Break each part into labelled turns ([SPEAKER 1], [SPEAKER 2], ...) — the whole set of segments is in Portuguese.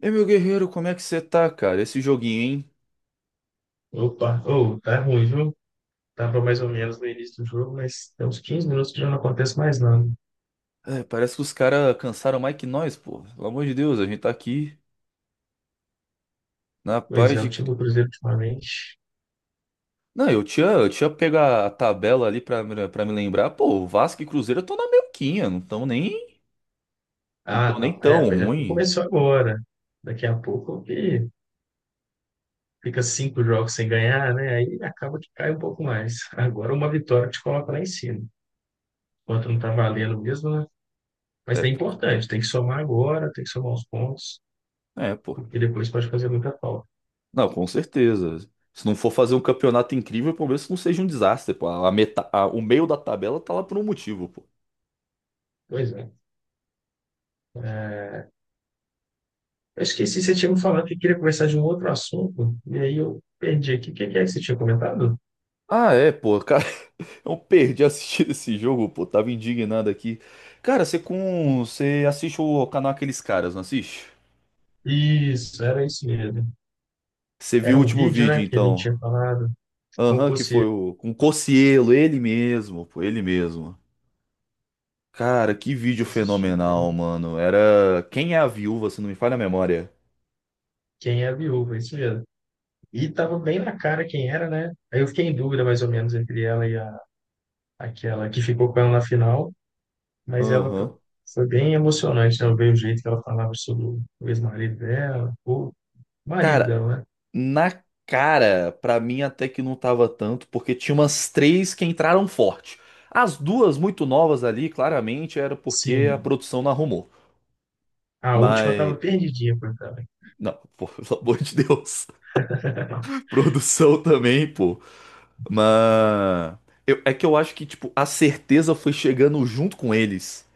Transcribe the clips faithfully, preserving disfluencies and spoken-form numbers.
[SPEAKER 1] E meu guerreiro, como é que você tá, cara? Esse joguinho, hein?
[SPEAKER 2] Opa, oh, tá ruim, viu? Tava mais ou menos no início do jogo, mas tem uns quinze minutos que já não acontece mais nada.
[SPEAKER 1] É, parece que os caras cansaram mais que nós, pô. Pelo amor de Deus, a gente tá aqui na
[SPEAKER 2] Pois
[SPEAKER 1] paz
[SPEAKER 2] é, o
[SPEAKER 1] de.
[SPEAKER 2] time
[SPEAKER 1] Cri-
[SPEAKER 2] do Cruzeiro ultimamente.
[SPEAKER 1] Não, eu tinha, eu tinha pego a tabela ali pra, me- pra me lembrar. Pô, Vasco e Cruzeiro estão na melquinha, não tão nem, não
[SPEAKER 2] Ah,
[SPEAKER 1] tão nem
[SPEAKER 2] não, é,
[SPEAKER 1] tão
[SPEAKER 2] mas é porque
[SPEAKER 1] ruim.
[SPEAKER 2] começou agora. Daqui a pouco que fica cinco jogos sem ganhar, né? Aí acaba que cai um pouco mais. Agora uma vitória te coloca lá em cima. Enquanto não tá valendo mesmo, né? Mas
[SPEAKER 1] É,
[SPEAKER 2] é
[SPEAKER 1] p-
[SPEAKER 2] importante, tem que somar agora, tem que somar os pontos,
[SPEAKER 1] é, pô.
[SPEAKER 2] porque depois pode fazer muita falta.
[SPEAKER 1] Não, com certeza. Se não for fazer um campeonato incrível, pelo menos que não seja um desastre, pô. A meta, a- o meio da tabela tá lá por um motivo, pô.
[SPEAKER 2] Pois é. é, Eu esqueci, você tinha me falado que queria conversar de um outro assunto, e aí eu perdi aqui. O que que é que você tinha comentado?
[SPEAKER 1] Ah, é, pô. Eu perdi assistir esse jogo, pô. Tava indignado aqui. Cara, você com. Você assiste o canal Aqueles Caras, não assiste?
[SPEAKER 2] Isso, era isso mesmo.
[SPEAKER 1] Você viu
[SPEAKER 2] Era
[SPEAKER 1] o
[SPEAKER 2] um
[SPEAKER 1] último
[SPEAKER 2] vídeo,
[SPEAKER 1] vídeo,
[SPEAKER 2] né, que a gente
[SPEAKER 1] então?
[SPEAKER 2] tinha falado,
[SPEAKER 1] Aham, que foi
[SPEAKER 2] concurseiro,
[SPEAKER 1] o. Com o Cocielo, ele mesmo, pô, ele mesmo. Cara, que vídeo
[SPEAKER 2] eu assisti,
[SPEAKER 1] fenomenal,
[SPEAKER 2] né?
[SPEAKER 1] mano. Era. Quem é a viúva, se não me falha a memória?
[SPEAKER 2] Quem é a viúva, isso mesmo. E tava bem na cara quem era, né? Aí eu fiquei em dúvida, mais ou menos, entre ela e a, aquela que ficou com ela na final, mas ela
[SPEAKER 1] Aham.
[SPEAKER 2] foi bem emocionante, né? Eu vi o jeito que ela falava sobre o ex-marido dela, o marido
[SPEAKER 1] Cara,
[SPEAKER 2] dela, né?
[SPEAKER 1] na cara, pra mim até que não tava tanto, porque tinha umas três que entraram forte. As duas muito novas ali, claramente, era porque a
[SPEAKER 2] Sim,
[SPEAKER 1] produção não arrumou.
[SPEAKER 2] a última
[SPEAKER 1] Mas.
[SPEAKER 2] tava perdidinha, coitada.
[SPEAKER 1] Não, pô, pelo amor de Deus. Produção também, pô. Mas. eu- é que eu acho que, tipo, a certeza foi chegando junto com eles.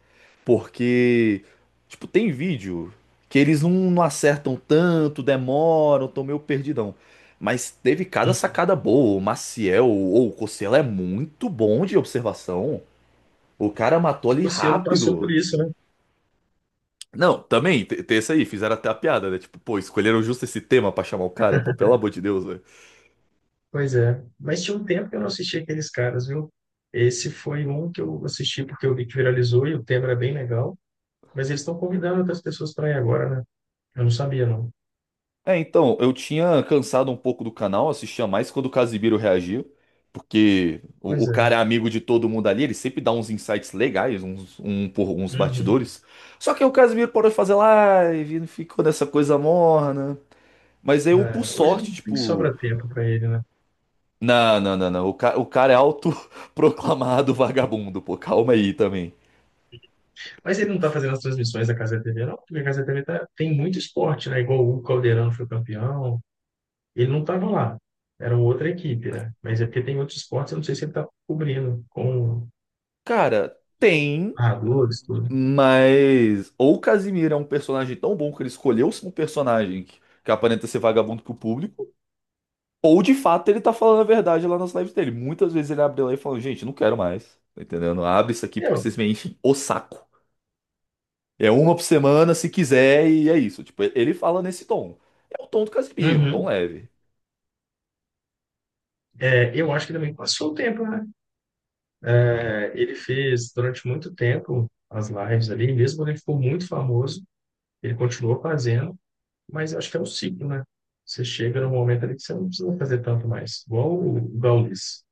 [SPEAKER 1] Porque, tipo, tem vídeo que eles não, não acertam tanto, demoram, tão meio perdidão. Mas teve cada sacada boa. O Maciel ou o Cossela é muito bom de observação. O cara matou
[SPEAKER 2] O
[SPEAKER 1] ali
[SPEAKER 2] Cossielo passou por
[SPEAKER 1] rápido.
[SPEAKER 2] isso, né?
[SPEAKER 1] Não, também, te- tem esse aí, fizeram até a piada, né? Tipo, pô, escolheram justo esse tema pra chamar o cara, pô, pelo amor de Deus, velho.
[SPEAKER 2] Pois é. Mas tinha um tempo que eu não assisti aqueles caras, viu? Esse foi um que eu assisti porque eu vi que viralizou e o tema era bem legal. Mas eles estão convidando outras pessoas para ir agora, né? Eu não sabia, não.
[SPEAKER 1] É, então, eu tinha cansado um pouco do canal, assistia mais quando o Casimiro reagia, porque o, o
[SPEAKER 2] Pois
[SPEAKER 1] cara é
[SPEAKER 2] é.
[SPEAKER 1] amigo de todo mundo ali, ele sempre dá uns insights legais, uns, um, por, uns
[SPEAKER 2] Uhum.
[SPEAKER 1] batidores. Só que aí o Casimiro parou de fazer live, não ficou nessa coisa morna. Mas aí eu, por
[SPEAKER 2] É, hoje
[SPEAKER 1] sorte,
[SPEAKER 2] nem
[SPEAKER 1] tipo.
[SPEAKER 2] sobra tempo para ele, né?
[SPEAKER 1] Não, não, não, não. O, ca- o cara é autoproclamado vagabundo, pô, calma aí também.
[SPEAKER 2] Mas ele não tá fazendo as transmissões da Casa T V, não, porque a Casa T V tá, tem muito esporte, né? Igual o Hugo Calderano foi campeão. Ele não tava lá. Era outra equipe, né? Mas é porque tem outros esportes, eu não sei se ele tá cobrindo com
[SPEAKER 1] Cara, tem,
[SPEAKER 2] narradores, tudo.
[SPEAKER 1] mas ou o Casimiro é um personagem tão bom que ele escolheu ser um personagem que, que aparenta ser vagabundo pro público, ou de fato ele tá falando a verdade lá nas lives dele. Muitas vezes ele abre lá e fala, gente, não quero mais, tá entendendo? Abre isso aqui porque
[SPEAKER 2] Eu,
[SPEAKER 1] vocês me enchem o saco. É uma por semana, se quiser, e é isso. Tipo, ele fala nesse tom. É o tom do Casimiro, um tom
[SPEAKER 2] Uhum.
[SPEAKER 1] leve.
[SPEAKER 2] É, eu acho que também passou o tempo, né? É, ele fez durante muito tempo as lives ali, mesmo quando ele ficou muito famoso, ele continuou fazendo, mas eu acho que é um ciclo, né? Você chega num momento ali que você não precisa fazer tanto mais. Igual o Gaules.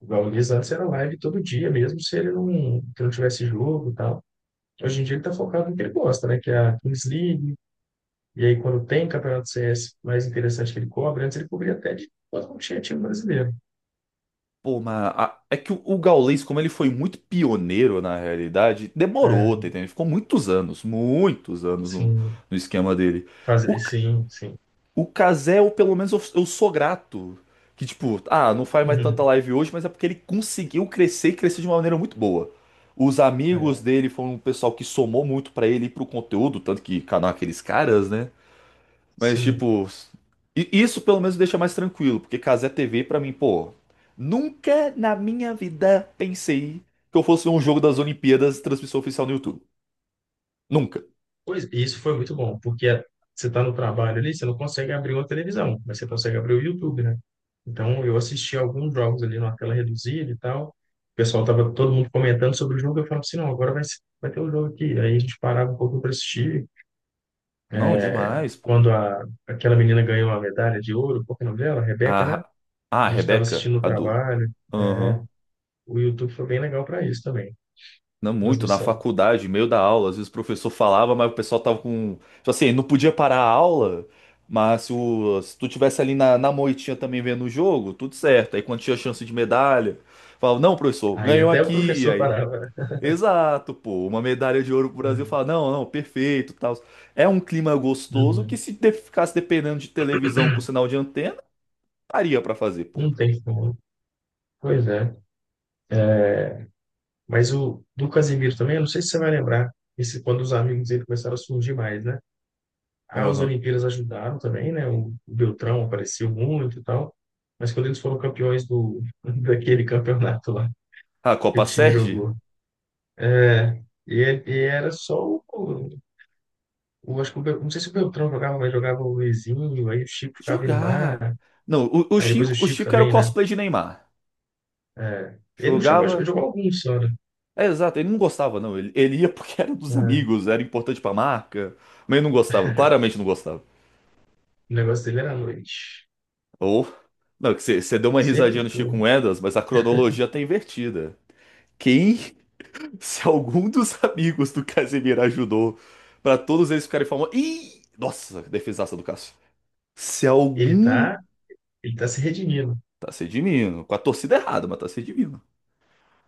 [SPEAKER 2] O Gaules antes era live todo dia, mesmo se ele não, que não tivesse jogo e tal. Hoje em dia ele tá focado no que ele gosta, né? Que é a Kings League, e aí quando tem campeonato C S mais interessante que ele cobre, antes ele cobria até de quando não tinha time brasileiro.
[SPEAKER 1] Pô, mas a- é que o, o Gaules, como ele foi muito pioneiro na realidade,
[SPEAKER 2] É,
[SPEAKER 1] demorou, tá entendendo? Ele ficou muitos anos, muitos anos no,
[SPEAKER 2] Assim,
[SPEAKER 1] no esquema dele. O,
[SPEAKER 2] Fazer,
[SPEAKER 1] C-
[SPEAKER 2] sim, sim.
[SPEAKER 1] o Cazé, eu, pelo menos eu, eu sou grato. Que tipo, ah, não faz mais tanta live hoje, mas é porque ele conseguiu crescer e crescer de uma maneira muito boa. Os amigos
[SPEAKER 2] É,
[SPEAKER 1] dele foram um pessoal que somou muito pra ele e pro conteúdo, tanto que canal aqueles caras, né? Mas,
[SPEAKER 2] sim.
[SPEAKER 1] tipo, i- isso pelo menos deixa mais tranquilo, porque Cazé T V, pra mim, pô, nunca na minha vida pensei que eu fosse ver um jogo das Olimpíadas transmissão oficial no YouTube. Nunca.
[SPEAKER 2] Pois, e isso foi muito bom, porque a- você está no trabalho ali, você não consegue abrir uma televisão, mas você consegue abrir o YouTube, né? Então, eu assisti alguns jogos ali numa tela reduzida e tal. O pessoal tava todo mundo comentando sobre o jogo, eu falava assim, não, agora vai, ser- vai ter o jogo aqui. Aí a gente parava um pouco para assistir.
[SPEAKER 1] Não, demais, pô.
[SPEAKER 2] Quando a, aquela menina ganhou a medalha de ouro, qual que é o nome dela? Rebeca, né?
[SPEAKER 1] Ah, ah, a
[SPEAKER 2] A gente estava
[SPEAKER 1] Rebeca,
[SPEAKER 2] assistindo no
[SPEAKER 1] a do.
[SPEAKER 2] trabalho. é,
[SPEAKER 1] Aham.
[SPEAKER 2] O YouTube foi bem legal para isso também,
[SPEAKER 1] Não muito, na
[SPEAKER 2] transmissão.
[SPEAKER 1] faculdade, meio da aula, às vezes o professor falava, mas o pessoal tava com. Tipo assim, não podia parar a aula, mas se, o... se tu tivesse ali na, na moitinha também vendo o jogo, tudo certo. Aí quando tinha chance de medalha, falava, não, professor,
[SPEAKER 2] Aí
[SPEAKER 1] ganhou
[SPEAKER 2] até o
[SPEAKER 1] aqui.
[SPEAKER 2] professor
[SPEAKER 1] Aí,
[SPEAKER 2] parava,
[SPEAKER 1] exato, pô, uma medalha de ouro pro Brasil.
[SPEAKER 2] né?
[SPEAKER 1] Falava, não, não, perfeito, tal. É um clima gostoso que
[SPEAKER 2] Uhum.
[SPEAKER 1] se de- ficasse dependendo de televisão com sinal de antena, daria pra fazer, pô.
[SPEAKER 2] Não tem como. Pois é. Mas o do Casemiro também, eu não sei se você vai lembrar, esse, quando os amigos dele começaram a surgir mais, né? As
[SPEAKER 1] Aham.
[SPEAKER 2] Olimpíadas ajudaram também, né? O Beltrão apareceu muito e tal. Mas quando eles foram campeões do, daquele campeonato lá
[SPEAKER 1] A
[SPEAKER 2] que o
[SPEAKER 1] Copa
[SPEAKER 2] time
[SPEAKER 1] Sérgio?
[SPEAKER 2] jogou. É, e, é- e era só o, o, acho que o, Bel- não sei se o Beltrão jogava, mas jogava o Luizinho, aí o Chico ficava indo
[SPEAKER 1] Jogar.
[SPEAKER 2] lá,
[SPEAKER 1] Não, o, o
[SPEAKER 2] aí depois o
[SPEAKER 1] Chico, o
[SPEAKER 2] Chico
[SPEAKER 1] Chico era o
[SPEAKER 2] também, né?
[SPEAKER 1] cosplay de Neymar.
[SPEAKER 2] É, ele não chegou a jogar,
[SPEAKER 1] Jogava.
[SPEAKER 2] jogou alguns só, né?
[SPEAKER 1] É, exato, ele não gostava, não. Ele, ele ia porque era dos
[SPEAKER 2] É,
[SPEAKER 1] amigos, era importante pra marca. Mas ele não gostava, claramente não gostava.
[SPEAKER 2] o negócio dele era à noite.
[SPEAKER 1] Ou. Não, que você deu uma
[SPEAKER 2] Sempre
[SPEAKER 1] risadinha no
[SPEAKER 2] foi.
[SPEAKER 1] Chico Moedas, mas a cronologia tá invertida. Quem, se algum dos amigos do Casemiro ajudou pra todos eles ficarem famosos. Ih! Nossa, defesaça do Cássio. Se
[SPEAKER 2] Ele
[SPEAKER 1] algum.
[SPEAKER 2] tá, ele tá se redimindo.
[SPEAKER 1] Tá se redimindo. Com a torcida errada, mas tá se redimindo.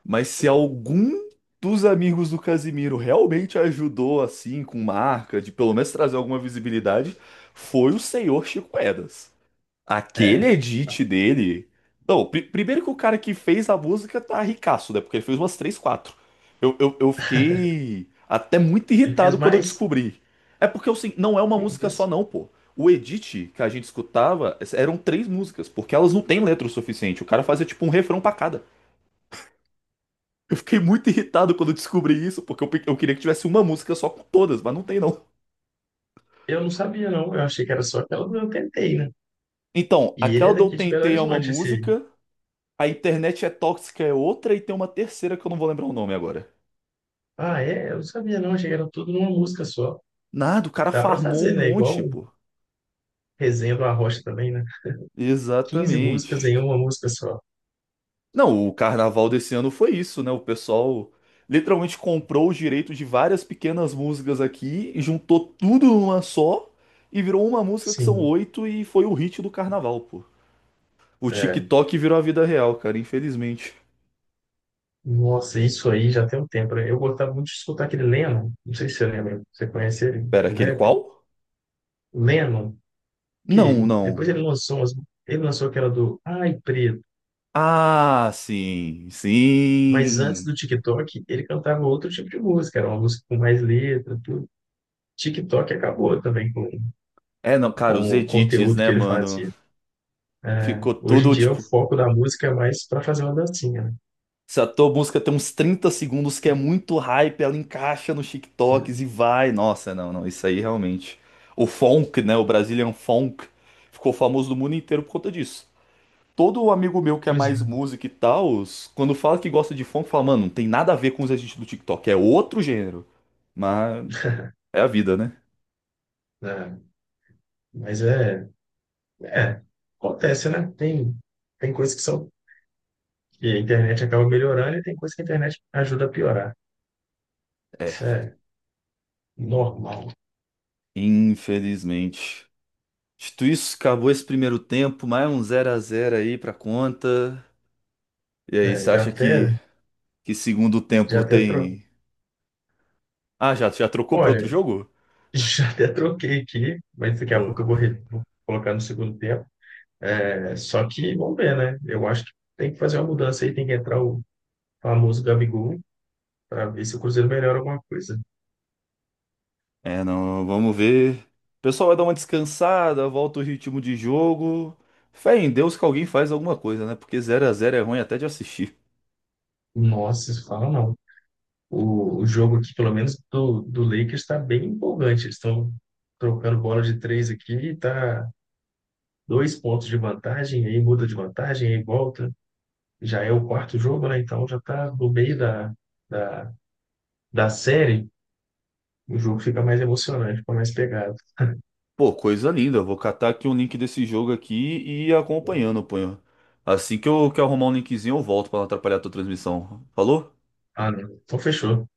[SPEAKER 1] Mas se algum dos amigos do Casimiro realmente ajudou, assim, com marca, de pelo menos trazer alguma visibilidade, foi o senhor Chico Edas. Aquele
[SPEAKER 2] É.
[SPEAKER 1] edit dele. Não, pri- primeiro que o cara que fez a música tá ricaço, né? Porque ele fez umas três, quatro. Eu, eu, eu fiquei até muito
[SPEAKER 2] Ele fez
[SPEAKER 1] irritado quando eu
[SPEAKER 2] mais?
[SPEAKER 1] descobri. É porque assim, não é uma
[SPEAKER 2] Que
[SPEAKER 1] música só,
[SPEAKER 2] isso?
[SPEAKER 1] não, pô. O edit que a gente escutava eram três músicas, porque elas não têm letra o suficiente. O cara fazia tipo um refrão pra cada. Eu fiquei muito irritado quando eu descobri isso, porque eu, pe- eu queria que tivesse uma música só com todas, mas não tem não.
[SPEAKER 2] Eu não sabia, não. Eu achei que era só aquela do Eu Tentei, né?
[SPEAKER 1] Então,
[SPEAKER 2] E ele
[SPEAKER 1] aquela
[SPEAKER 2] é
[SPEAKER 1] do Eu
[SPEAKER 2] daqui de Belo
[SPEAKER 1] Tentei é uma
[SPEAKER 2] Horizonte, esse.
[SPEAKER 1] música, a Internet é Tóxica é outra, e tem uma terceira que eu não vou lembrar o nome agora.
[SPEAKER 2] Ah, é? Eu não sabia, não. Achei que era tudo numa música só.
[SPEAKER 1] Nada, o cara
[SPEAKER 2] Dá pra
[SPEAKER 1] farmou
[SPEAKER 2] fazer,
[SPEAKER 1] um
[SPEAKER 2] né? Igual
[SPEAKER 1] monte,
[SPEAKER 2] o
[SPEAKER 1] pô.
[SPEAKER 2] Resenha do Arrocha também, né? Quinze músicas em
[SPEAKER 1] Exatamente.
[SPEAKER 2] uma música só.
[SPEAKER 1] Não, o carnaval desse ano foi isso, né? O pessoal literalmente comprou os direitos de várias pequenas músicas aqui e juntou tudo numa só e virou uma música que são
[SPEAKER 2] Sim.
[SPEAKER 1] oito e foi o hit do carnaval, pô. O
[SPEAKER 2] É.
[SPEAKER 1] TikTok virou a vida real, cara, infelizmente.
[SPEAKER 2] Nossa, isso aí já tem um tempo, né? Eu gostava muito de escutar aquele Lennon. Não sei se você lembra. Você conhece ele,
[SPEAKER 1] Pera,
[SPEAKER 2] o
[SPEAKER 1] aquele
[SPEAKER 2] rapper?
[SPEAKER 1] qual?
[SPEAKER 2] Lennon. Que
[SPEAKER 1] Não,
[SPEAKER 2] depois
[SPEAKER 1] não.
[SPEAKER 2] ele lançou umas- ele lançou aquela do Ai Preto,
[SPEAKER 1] Ah, sim,
[SPEAKER 2] mas antes
[SPEAKER 1] sim.
[SPEAKER 2] do TikTok ele cantava outro tipo de música, era uma música com mais letra, tudo. TikTok acabou também com,
[SPEAKER 1] É, não, cara, os
[SPEAKER 2] com o
[SPEAKER 1] edits,
[SPEAKER 2] conteúdo
[SPEAKER 1] né,
[SPEAKER 2] que ele
[SPEAKER 1] mano?
[SPEAKER 2] fazia. É,
[SPEAKER 1] Ficou
[SPEAKER 2] hoje em
[SPEAKER 1] tudo,
[SPEAKER 2] dia o
[SPEAKER 1] tipo,
[SPEAKER 2] foco da música é mais para fazer uma dancinha, né?
[SPEAKER 1] se a tua música tem uns trinta segundos que é muito hype, ela encaixa nos TikToks e vai. Nossa, não, não, isso aí realmente. O funk, né, o Brazilian funk, ficou famoso no mundo inteiro por conta disso. Todo amigo meu que é
[SPEAKER 2] Pois
[SPEAKER 1] mais
[SPEAKER 2] é.
[SPEAKER 1] música e tal, quando fala que gosta de funk, fala, mano, não tem nada a ver com os agentes do TikTok, é outro gênero. Mas é a vida, né?
[SPEAKER 2] É, mas é, é, acontece, né? Tem, tem coisas que são que a internet acaba melhorando e tem coisas que a internet ajuda a piorar.
[SPEAKER 1] É,
[SPEAKER 2] Isso é normal.
[SPEAKER 1] infelizmente. Dito isso, acabou esse primeiro tempo, mais um zero a zero aí pra conta. E aí,
[SPEAKER 2] É,
[SPEAKER 1] você
[SPEAKER 2] já
[SPEAKER 1] acha
[SPEAKER 2] até,
[SPEAKER 1] que, que segundo
[SPEAKER 2] já
[SPEAKER 1] tempo
[SPEAKER 2] até tro...
[SPEAKER 1] tem. Ah, já, já trocou pra outro
[SPEAKER 2] Olha,
[SPEAKER 1] jogo?
[SPEAKER 2] já até troquei aqui, mas daqui a
[SPEAKER 1] Boa.
[SPEAKER 2] pouco eu vou, re- vou colocar no segundo tempo. É, só que vamos ver, né? Eu acho que tem que fazer uma mudança aí, tem que entrar o famoso Gabigol para ver se o Cruzeiro melhora alguma coisa.
[SPEAKER 1] É, não, vamos ver. O pessoal vai dar uma descansada, volta o ritmo de jogo. Fé em Deus que alguém faz alguma coisa, né? Porque zero a zero é ruim até de assistir.
[SPEAKER 2] Nossa, isso fala não. O, o jogo aqui, pelo menos do, do Lakers, está bem empolgante. Eles estão trocando bola de três aqui, tá dois pontos de vantagem, aí muda de vantagem, aí volta. Já é o quarto jogo, né? Então já tá no meio da, da, da série. O jogo fica mais emocionante, fica mais pegado.
[SPEAKER 1] Pô, coisa linda. Eu Vou catar aqui um link desse jogo aqui e ir acompanhando, pô. Assim que eu, que eu arrumar um linkzinho, eu volto pra não atrapalhar a tua transmissão. Falou?
[SPEAKER 2] Ah, não. Então fechou.